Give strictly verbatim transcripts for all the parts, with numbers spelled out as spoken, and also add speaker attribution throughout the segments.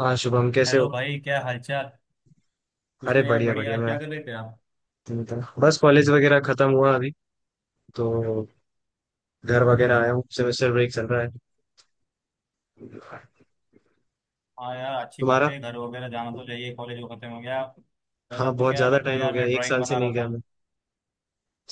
Speaker 1: हाँ शुभम, कैसे
Speaker 2: हेलो
Speaker 1: हो?
Speaker 2: भाई, क्या हालचाल। कुछ
Speaker 1: अरे
Speaker 2: नहीं यार,
Speaker 1: बढ़िया
Speaker 2: बढ़िया
Speaker 1: बढ़िया।
Speaker 2: है।
Speaker 1: मैं
Speaker 2: क्या कर रहे थे आप।
Speaker 1: तुम बताओ। बस कॉलेज वगैरह खत्म हुआ अभी, तो घर वगैरह आया हूँ। सेमेस्टर ब्रेक चल रहा है।
Speaker 2: हाँ यार, अच्छी बात
Speaker 1: तुम्हारा?
Speaker 2: है, घर वगैरह जाना तो चाहिए। कॉलेज वो खत्म हो गया। मेरा
Speaker 1: हाँ,
Speaker 2: तो
Speaker 1: बहुत
Speaker 2: क्या
Speaker 1: ज्यादा
Speaker 2: मतलब
Speaker 1: टाइम हो
Speaker 2: यार,
Speaker 1: गया।
Speaker 2: मैं
Speaker 1: एक
Speaker 2: ड्राइंग
Speaker 1: साल से
Speaker 2: बना रहा
Speaker 1: नहीं
Speaker 2: था।
Speaker 1: गया मैं।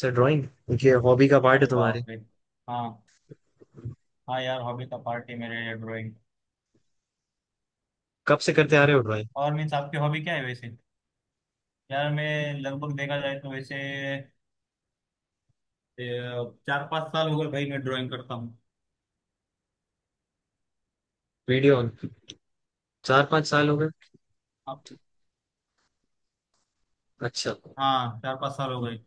Speaker 1: सर, ड्राइंग ये हॉबी का पार्ट है
Speaker 2: अरे
Speaker 1: तुम्हारे?
Speaker 2: बाप रे। हाँ। हाँ यार, हॉबी का पार्ट है मेरे, ड्राइंग।
Speaker 1: कब से करते आ रहे हो ड्राइंग?
Speaker 2: और मीन्स, आपकी हॉबी क्या है वैसे। यार मैं लगभग देखा जाए तो वैसे ए, चार पाँच साल हो गए भाई, मैं ड्राइंग करता हूँ।
Speaker 1: वीडियो। चार पाँच साल हो गए?
Speaker 2: आप।
Speaker 1: अच्छा।
Speaker 2: हाँ, चार पाँच साल हो गए।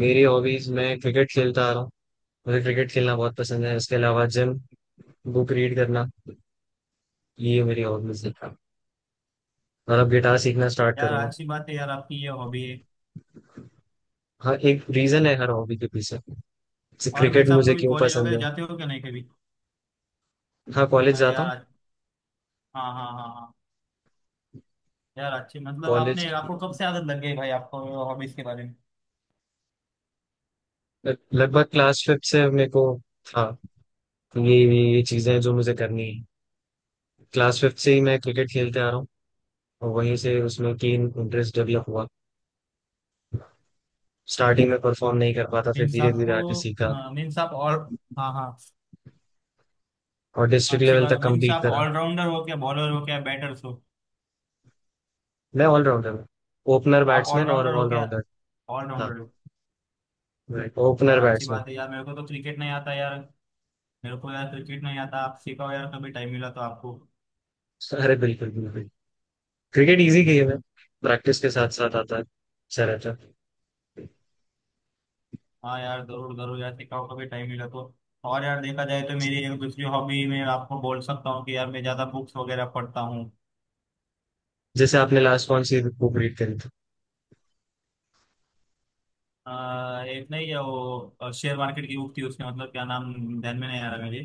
Speaker 1: मेरी हॉबीज, मैं क्रिकेट खेलता आ रहा हूँ। मुझे क्रिकेट खेलना बहुत पसंद है। उसके अलावा जिम, बुक रीड करना, ये मेरी हॉबीज है। और अब गिटार सीखना स्टार्ट
Speaker 2: यार
Speaker 1: करूंगा।
Speaker 2: अच्छी बात है यार, आपकी ये हॉबी है।
Speaker 1: हाँ, एक रीजन है हर हॉबी के पीछे। जैसे
Speaker 2: और
Speaker 1: क्रिकेट
Speaker 2: मीन्स, आप
Speaker 1: मुझे
Speaker 2: कभी
Speaker 1: क्यों
Speaker 2: कॉलेज
Speaker 1: पसंद
Speaker 2: वगैरह
Speaker 1: है।
Speaker 2: जाते हो क्या, नहीं कभी।
Speaker 1: हाँ, कॉलेज
Speaker 2: अरे
Speaker 1: जाता
Speaker 2: यार।
Speaker 1: हूँ।
Speaker 2: आज- हाँ, हाँ, हाँ, हाँ। यार अच्छी मतलब,
Speaker 1: कॉलेज।
Speaker 2: आपने आपको कब से आदत लग गई भाई आपको, हॉबीज के बारे में।
Speaker 1: लगभग क्लास फिफ्थ से मेरे को था। तो ये ये ये चीजें हैं जो मुझे करनी है। क्लास फिफ्थ से ही मैं क्रिकेट खेलते आ रहा हूँ। और वहीं से उसमें कीन इंटरेस्ट डेवलप हुआ। स्टार्टिंग में परफॉर्म नहीं कर पाता, फिर
Speaker 2: मीन्स
Speaker 1: धीरे धीरे
Speaker 2: आपको,
Speaker 1: आके सीखा।
Speaker 2: मीन्स आप ऑल। हाँ, हाँ।
Speaker 1: और डिस्ट्रिक्ट
Speaker 2: अच्छी
Speaker 1: लेवल
Speaker 2: बात,
Speaker 1: तक
Speaker 2: मीन्स
Speaker 1: कंप्लीट
Speaker 2: आप
Speaker 1: करा।
Speaker 2: ऑलराउंडर हो क्या, बॉलर हो क्या, बैटर्स हो।
Speaker 1: मैं ऑलराउंडर हूँ। ओपनर
Speaker 2: आप
Speaker 1: बैट्समैन और
Speaker 2: ऑलराउंडर हो क्या।
Speaker 1: ऑलराउंडर। हाँ।
Speaker 2: ऑलराउंडर हो। यार
Speaker 1: ओपनर
Speaker 2: अच्छी
Speaker 1: बैट्समैन।
Speaker 2: बात है यार, मेरे को तो क्रिकेट नहीं आता यार। मेरे को यार क्रिकेट नहीं आता, आप सिखाओ यार, कभी टाइम मिला तो आपको।
Speaker 1: अरे बिल्कुल बिल्कुल। क्रिकेट इजी गेम है। प्रैक्टिस के साथ साथ आता है, अच्छा रहता है।
Speaker 2: हाँ यार, जरूर जरूर यार, सिखाओ कभी टाइम मिला तो। और यार देखा जाए तो मेरी एक दूसरी हॉबी में आपको बोल सकता हूँ कि यार, मैं ज्यादा बुक्स वगैरह पढ़ता हूँ।
Speaker 1: जैसे आपने लास्ट कौन सी बुक रीड करी थी?
Speaker 2: आ, एक नहीं है, वो शेयर मार्केट की बुक थी, उसके मतलब क्या नाम, ध्यान में नहीं आ रहा मेरे।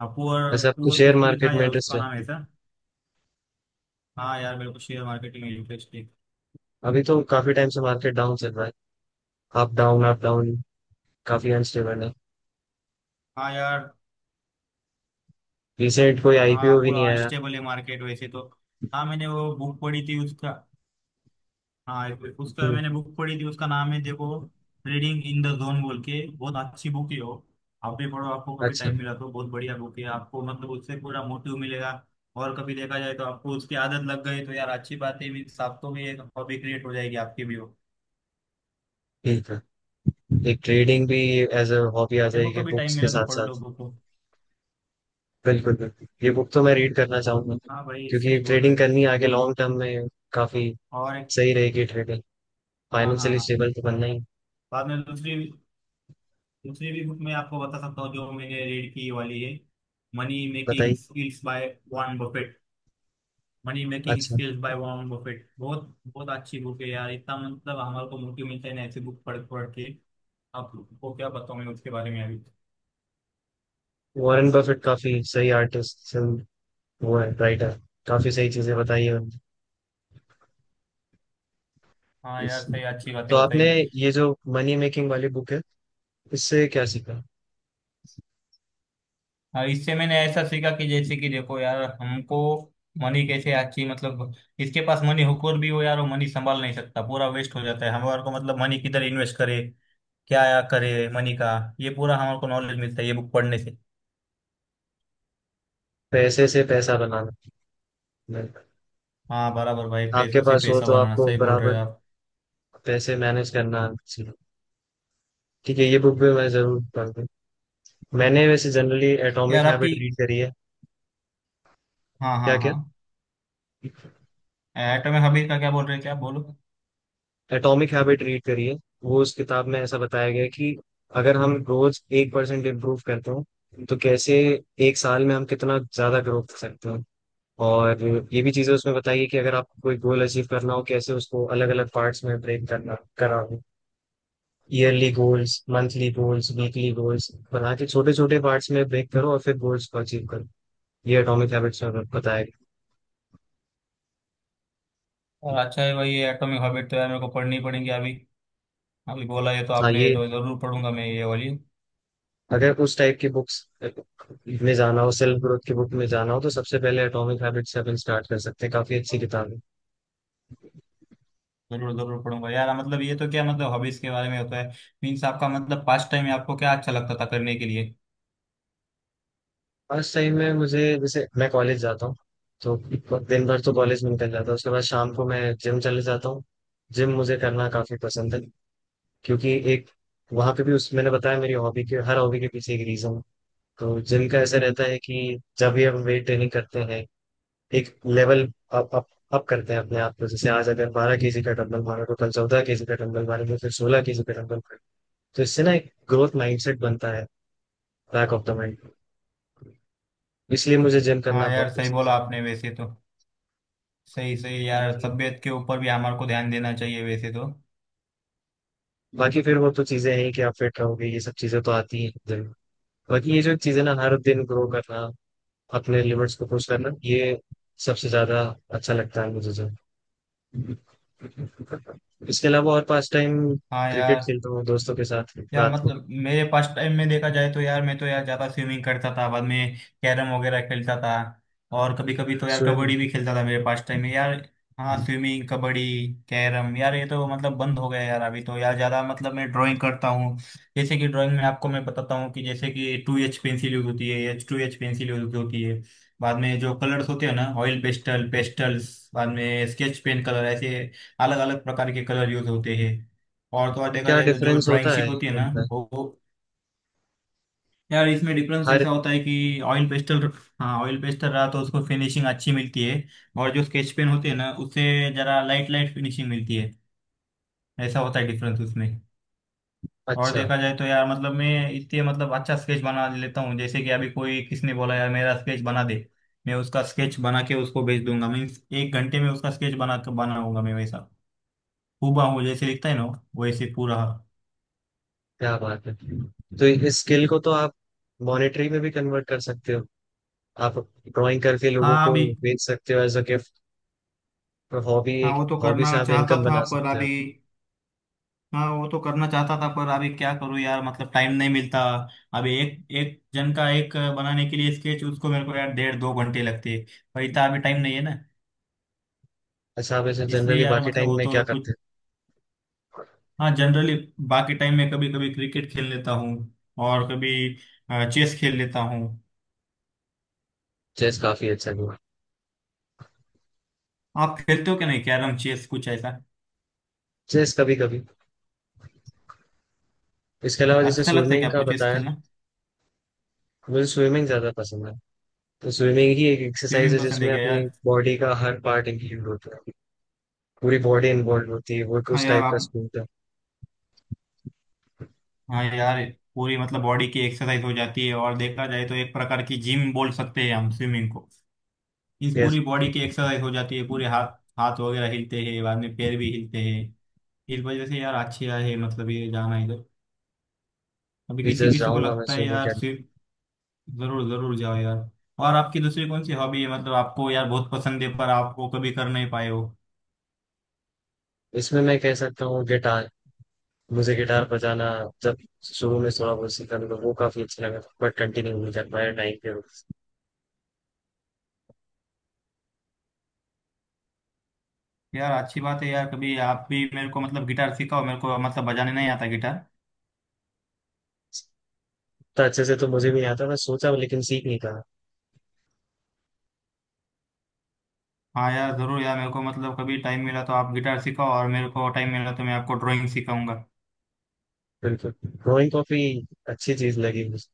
Speaker 2: हाँ, पुअर
Speaker 1: वैसे आपको
Speaker 2: पुअर
Speaker 1: शेयर
Speaker 2: कुछ तो भी था
Speaker 1: मार्केट में
Speaker 2: यार
Speaker 1: इंटरेस्ट?
Speaker 2: उसका नाम ऐसा। हाँ यार, मेरे को शेयर मार्केट में इंटरेस्ट है।
Speaker 1: अभी तो काफी टाइम से मार्केट डाउन चल रहा है। Up down, up down. काफी अनस्टेबल है।
Speaker 2: हाँ यार।
Speaker 1: रिसेंट कोई
Speaker 2: हाँ,
Speaker 1: आई पी ओ भी
Speaker 2: पूरा
Speaker 1: नहीं आया।
Speaker 2: अनस्टेबल है मार्केट वैसे तो। हाँ, मैंने वो बुक पढ़ी थी उसका। हाँ, एक- उसका
Speaker 1: हम्म।
Speaker 2: मैंने बुक पढ़ी थी, उसका नाम है देखो, रीडिंग इन द जोन बोल के, बहुत अच्छी बुक है वो। आप भी पढ़ो, आपको कभी
Speaker 1: अच्छा।
Speaker 2: टाइम मिला तो, बहुत बढ़िया बुक है, आपको मतलब उससे पूरा मोटिव मिलेगा। और कभी देखा जाए तो आपको उसकी आदत लग गई तो यार अच्छी बात है, मीन्स आपको भी एक हॉबी क्रिएट हो जाएगी आपकी भी वो।
Speaker 1: ठीक है। एक ट्रेडिंग भी एज अ हॉबी आ
Speaker 2: देखो
Speaker 1: जाएगी
Speaker 2: कभी टाइम
Speaker 1: बुक्स के
Speaker 2: मिला तो
Speaker 1: साथ
Speaker 2: पढ़ लो
Speaker 1: साथ।
Speaker 2: बुक को।
Speaker 1: बिल्कुल बिल्कुल, ये बुक तो मैं रीड करना चाहूंगा।
Speaker 2: हाँ भाई,
Speaker 1: क्योंकि
Speaker 2: सही बोल रहे
Speaker 1: ट्रेडिंग
Speaker 2: हो।
Speaker 1: करनी आगे लॉन्ग टर्म में, काफी
Speaker 2: और एक-
Speaker 1: सही रहेगी ट्रेडिंग।
Speaker 2: हाँ, हाँ,
Speaker 1: फाइनेंशियली
Speaker 2: हाँ।
Speaker 1: स्टेबल तो बनना ही।
Speaker 2: बाद में दूसरी, दूसरी भी बुक मैं आपको बता सकता हूँ जो मैंने रीड की वाली है, मनी मेकिंग
Speaker 1: बताइए।
Speaker 2: Skills by Warren Buffett. Money making
Speaker 1: अच्छा।
Speaker 2: स्किल्स बाय वॉरेन बफेट, बहुत बहुत अच्छी बुक है यार, इतना मतलब हमारे को मोटिव मिलता है ना, ऐसी बुक पढ़ पढ़ के। आपको क्या बताऊं मैं उसके बारे में अभी।
Speaker 1: वॉरेन बफेट काफी सही आर्टिस्ट। वो है राइटर। काफी सही चीजें बताई है
Speaker 2: हाँ यार, सही
Speaker 1: उन्होंने।
Speaker 2: अच्छी
Speaker 1: तो
Speaker 2: बातें
Speaker 1: आपने
Speaker 2: बताई।
Speaker 1: ये जो मनी मेकिंग वाली बुक है, इससे क्या सीखा?
Speaker 2: हाँ, इससे मैंने ऐसा सीखा कि जैसे कि देखो यार, हमको मनी कैसे अच्छी मतलब, इसके पास मनी हुकूर भी हो यार, वो मनी संभाल नहीं सकता, पूरा वेस्ट हो जाता है, हमारे को मतलब मनी किधर इन्वेस्ट करे, क्या करे मनी का, ये पूरा हमारे को नॉलेज मिलता है ये बुक पढ़ने से।
Speaker 1: पैसे से पैसा बनाना। नहीं।
Speaker 2: हाँ बराबर भाई,
Speaker 1: आपके
Speaker 2: पैसों से
Speaker 1: पास हो
Speaker 2: पैसा
Speaker 1: तो
Speaker 2: बनाना
Speaker 1: आपको
Speaker 2: सही बोल रहे हो
Speaker 1: बराबर
Speaker 2: आप।
Speaker 1: पैसे मैनेज करना आना सीखो। ठीक है, ये बुक भी मैं जरूर पढ़ूंगी। मैंने वैसे जनरली एटॉमिक
Speaker 2: यार आपकी।
Speaker 1: हैबिट रीड करी है।
Speaker 2: हाँ,
Speaker 1: क्या
Speaker 2: हाँ,
Speaker 1: क्या?
Speaker 2: हाँ। एटॉमिक हॉबिट का क्या बोल रहे हैं, क्या बोलो।
Speaker 1: एटॉमिक हैबिट रीड करी है। वो उस किताब में ऐसा बताया गया है कि अगर हम रोज एक परसेंट इम्प्रूव करते हो, तो कैसे एक साल में हम कितना ज्यादा ग्रो कर सकते हो। और ये भी चीजें उसमें बताई है कि अगर आपको कोई गोल अचीव करना हो, कैसे उसको अलग अलग पार्ट्स में ब्रेक करना करा। Yearly goals, monthly goals, weekly goals बना के छोटे छोटे पार्ट्स में ब्रेक करो और फिर गोल्स को अचीव करो। ये एटॉमिक हैबिट्स में बताया गया।
Speaker 2: और अच्छा है भाई, ये एटॉमिक हॉबिट तो यार मेरे को पढ़नी पड़ेंगी अभी। अभी बोला ये तो
Speaker 1: हाँ,
Speaker 2: आपने, ये
Speaker 1: ये
Speaker 2: तो जरूर पढ़ूंगा मैं ये वाली।
Speaker 1: अगर उस टाइप की बुक्स में जाना हो, सेल्फ ग्रोथ की बुक में जाना हो, तो सबसे पहले एटॉमिक हैबिट्स से अपन स्टार्ट कर सकते हैं। काफी अच्छी किताब है।
Speaker 2: जरूर जरूर पढ़ूंगा यार, मतलब ये तो क्या मतलब हॉबीज के बारे में होता है। मीन्स आपका मतलब, पास्ट टाइम में आपको क्या अच्छा लगता था करने के लिए।
Speaker 1: फर्स्ट टाइम में मुझे, जैसे मैं कॉलेज जाता हूँ, तो दिन भर तो कॉलेज में निकल जाता है। उसके बाद शाम को मैं जिम चले जाता हूँ। जिम मुझे करना काफी पसंद है। क्योंकि एक, वहां पे भी उस मैंने बताया मेरी हॉबी के, हर हॉबी के पीछे एक रीजन। तो जिम का ऐसा रहता है कि जब भी हम वेट ट्रेनिंग करते हैं, एक लेवल अप अप अप करते हैं अपने आप को। जैसे आज अगर बारह केजी का डंबल मारा, तो कल चौदह केजी का डंबल मारेंगे, फिर सोलह केजी का डंबल मारेंगे। तो इससे ना एक ग्रोथ माइंडसेट बनता है, बैक ऑफ द माइंड। इसलिए मुझे जिम करना
Speaker 2: हाँ
Speaker 1: बहुत
Speaker 2: यार, सही
Speaker 1: पसंद
Speaker 2: बोला आपने वैसे तो, सही सही
Speaker 1: है।
Speaker 2: यार,
Speaker 1: जी।
Speaker 2: तबीयत के ऊपर भी हमारे को ध्यान देना चाहिए वैसे तो।
Speaker 1: बाकी फिर वो तो चीजें हैं कि आप फिट रहोगे, ये सब चीजें तो आती हैं जिम। बाकी ये जो चीजें ना, हर दिन ग्रो करना, अपने लिमिट्स को पुश करना, ये सबसे ज्यादा अच्छा लगता है मुझे जिम। इसके अलावा और पास टाइम
Speaker 2: हाँ
Speaker 1: क्रिकेट
Speaker 2: यार।
Speaker 1: खेलता हूँ दोस्तों के साथ
Speaker 2: या
Speaker 1: रात को।
Speaker 2: मतलब मेरे पास टाइम में देखा जाए तो यार, मैं तो यार ज्यादा स्विमिंग करता था, बाद में कैरम वगैरह खेलता था। और कभी कभी तो यार
Speaker 1: सोए में।
Speaker 2: कबड्डी भी खेलता था मेरे पास टाइम में यार। हाँ, स्विमिंग, कबड्डी, कैरम यार, ये तो मतलब बंद हो गया यार, अभी तो यार ज्यादा मतलब मैं ड्राइंग करता हूँ। जैसे कि ड्राइंग में आपको मैं बताता हूँ कि जैसे कि टू एच पेंसिल यूज होती है, H two H pencil use होती है। बाद में जो कलर्स होते हैं ना, ऑयल पेस्टल, पेस्टल्स, बाद में स्केच पेन कलर, ऐसे अलग अलग प्रकार के कलर यूज होते हैं। और तो और देखा
Speaker 1: क्या
Speaker 2: जाए तो जो
Speaker 1: डिफरेंस
Speaker 2: ड्राइंग
Speaker 1: होता
Speaker 2: शीट
Speaker 1: है
Speaker 2: होती है ना,
Speaker 1: अंदर?
Speaker 2: वो, यार इसमें डिफरेंस
Speaker 1: हर।
Speaker 2: ऐसा होता है कि ऑयल पेस्टल, हाँ, ऑयल पेस्टल रहा तो उसको फिनिशिंग अच्छी मिलती है, और जो स्केच पेन होते हैं ना, उससे जरा लाइट लाइट फिनिशिंग मिलती है, ऐसा होता है डिफरेंस उसमें। और
Speaker 1: अच्छा।
Speaker 2: देखा जाए तो यार मतलब मैं इससे मतलब अच्छा स्केच बना लेता हूँ, जैसे कि अभी कोई किसने बोला यार मेरा स्केच बना दे, मैं उसका स्केच बना के उसको भेज दूंगा, मीन्स एक घंटे में उसका स्केच बना बनाऊंगा मैं वैसा, हूबा हूँ जैसे लिखता है ना, वैसे पूरा।
Speaker 1: क्या बात है, तो इस स्किल को तो आप मॉनेटरी में भी कन्वर्ट कर सकते हो। आप ड्राइंग करके लोगों
Speaker 2: हाँ
Speaker 1: को
Speaker 2: अभी।
Speaker 1: बेच सकते हो, एज अ गिफ्ट। हॉबी
Speaker 2: हाँ
Speaker 1: एक,
Speaker 2: वो तो
Speaker 1: हॉबी से
Speaker 2: करना
Speaker 1: आप
Speaker 2: चाहता
Speaker 1: इनकम
Speaker 2: था
Speaker 1: बना
Speaker 2: पर
Speaker 1: सकते हो।
Speaker 2: अभी। हाँ वो तो करना चाहता था पर अभी क्या करूँ यार, मतलब टाइम नहीं मिलता, अभी एक एक जन का एक बनाने के लिए स्केच उसको मेरे को यार डेढ़ दो घंटे लगते हैं, और इतना अभी टाइम नहीं है ना,
Speaker 1: अच्छा, आप ऐसे
Speaker 2: इसलिए
Speaker 1: जनरली
Speaker 2: यार
Speaker 1: बाकी
Speaker 2: मतलब
Speaker 1: टाइम
Speaker 2: वो
Speaker 1: में क्या
Speaker 2: तो कुछ।
Speaker 1: करते हो?
Speaker 2: हाँ जनरली, बाकी टाइम में कभी कभी क्रिकेट खेल लेता हूँ, और कभी चेस खेल लेता हूँ।
Speaker 1: चेस काफी अच्छा हुआ।
Speaker 2: आप खेलते हो क्या, नहीं कैरम चेस कुछ ऐसा,
Speaker 1: चेस कभी कभी। इसके अलावा जैसे
Speaker 2: अच्छा लगता है
Speaker 1: स्विमिंग
Speaker 2: क्या
Speaker 1: का
Speaker 2: आपको चेस
Speaker 1: बताया,
Speaker 2: खेलना।
Speaker 1: मुझे स्विमिंग ज्यादा पसंद है। तो स्विमिंग ही एक एक्सरसाइज
Speaker 2: स्विमिंग
Speaker 1: है
Speaker 2: पसंद है
Speaker 1: जिसमें
Speaker 2: क्या यार।
Speaker 1: अपनी बॉडी का हर पार्ट इंक्लूड होता है। पूरी बॉडी इन्वॉल्व होती है, वो एक
Speaker 2: हाँ
Speaker 1: उस
Speaker 2: यार
Speaker 1: टाइप का
Speaker 2: आप।
Speaker 1: स्पोर्ट है।
Speaker 2: हाँ यार, पूरी मतलब बॉडी की एक्सरसाइज हो जाती है, और देखा जाए तो एक प्रकार की जिम बोल सकते हैं हम स्विमिंग को, इस
Speaker 1: यस,
Speaker 2: पूरी बॉडी की एक्सरसाइज हो जाती है, पूरे हाथ, हाथ वगैरह हिलते हैं, बाद में पैर भी हिलते हैं, इस वजह से यार अच्छी आए है मतलब ये जाना इधर। अभी
Speaker 1: अभी
Speaker 2: किसी
Speaker 1: जस्ट
Speaker 2: किसी को
Speaker 1: जाऊंगा मैं
Speaker 2: लगता है
Speaker 1: स्विमिंग
Speaker 2: यार
Speaker 1: करने।
Speaker 2: स्विम, जरूर जरूर जाओ यार। और आपकी दूसरी कौन सी हॉबी है मतलब आपको यार बहुत पसंद है पर आपको कभी कर नहीं पाए हो।
Speaker 1: इसमें मैं कह सकता हूँ गिटार, मुझे गिटार बजाना, जब शुरू में थोड़ा बहुत सीखा तो वो काफी अच्छा लगा, बट कंटिन्यू नहीं कर पाया टाइम के वजह से।
Speaker 2: यार अच्छी बात है यार, कभी आप भी मेरे को मतलब गिटार सिखाओ, मेरे को मतलब बजाने नहीं आता गिटार।
Speaker 1: तो अच्छे से तो मुझे भी नहीं आता, मैं सोचा लेकिन सीख नहीं पाया।
Speaker 2: हाँ यार, जरूर यार, मेरे को मतलब कभी टाइम मिला तो आप गिटार सिखाओ, और मेरे को टाइम मिला तो मैं आपको ड्राइंग सिखाऊंगा।
Speaker 1: बिल्कुल, ड्रॉइंग काफी अच्छी चीज लगी मुझे।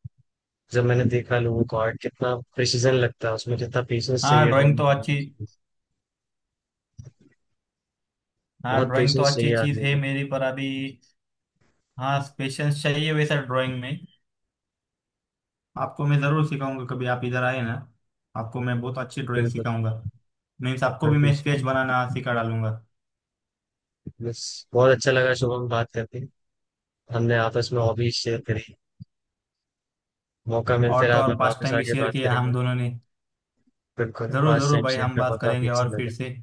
Speaker 1: जब मैंने देखा लोगों को, आर्ट कितना प्रिसीजन लगता है उसमें, कितना पेशेंस
Speaker 2: हाँ
Speaker 1: चाहिए
Speaker 2: ड्राइंग
Speaker 1: ड्रॉइंग
Speaker 2: तो अच्छी।
Speaker 1: बनाने के लिए।
Speaker 2: हाँ
Speaker 1: बहुत
Speaker 2: ड्राइंग तो
Speaker 1: पेशेंस
Speaker 2: अच्छी
Speaker 1: चाहिए
Speaker 2: चीज
Speaker 1: आदमी
Speaker 2: है
Speaker 1: में।
Speaker 2: मेरी पर अभी, हाँ पेशेंस चाहिए वैसा ड्राइंग में। आपको मैं जरूर सिखाऊंगा कभी आप इधर आए ना, आपको मैं बहुत अच्छी ड्राइंग
Speaker 1: बिल्कुल।
Speaker 2: सिखाऊंगा, मीन्स आपको भी मैं
Speaker 1: बस,
Speaker 2: स्केच बनाना सिखा डालूंगा।
Speaker 1: बहुत अच्छा लगा शुभम बात करके। हमने आपस में हॉबीज शेयर करी। मौका मिलते
Speaker 2: और तो
Speaker 1: रहा,
Speaker 2: और
Speaker 1: अपन
Speaker 2: पास्ट
Speaker 1: वापस
Speaker 2: टाइम भी
Speaker 1: आके
Speaker 2: शेयर
Speaker 1: बात
Speaker 2: किया
Speaker 1: करेंगे।
Speaker 2: हम दोनों ने।
Speaker 1: बिल्कुल,
Speaker 2: जरूर
Speaker 1: पास
Speaker 2: जरूर
Speaker 1: टाइम
Speaker 2: भाई,
Speaker 1: शेयर
Speaker 2: हम
Speaker 1: का
Speaker 2: बात
Speaker 1: मौका फिर
Speaker 2: करेंगे
Speaker 1: से
Speaker 2: और फिर
Speaker 1: मिलेगा।
Speaker 2: से।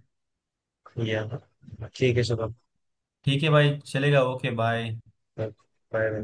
Speaker 1: ये ठीक है शुभम।
Speaker 2: ठीक है भाई, चलेगा, ओके बाय।
Speaker 1: बाय। बाय।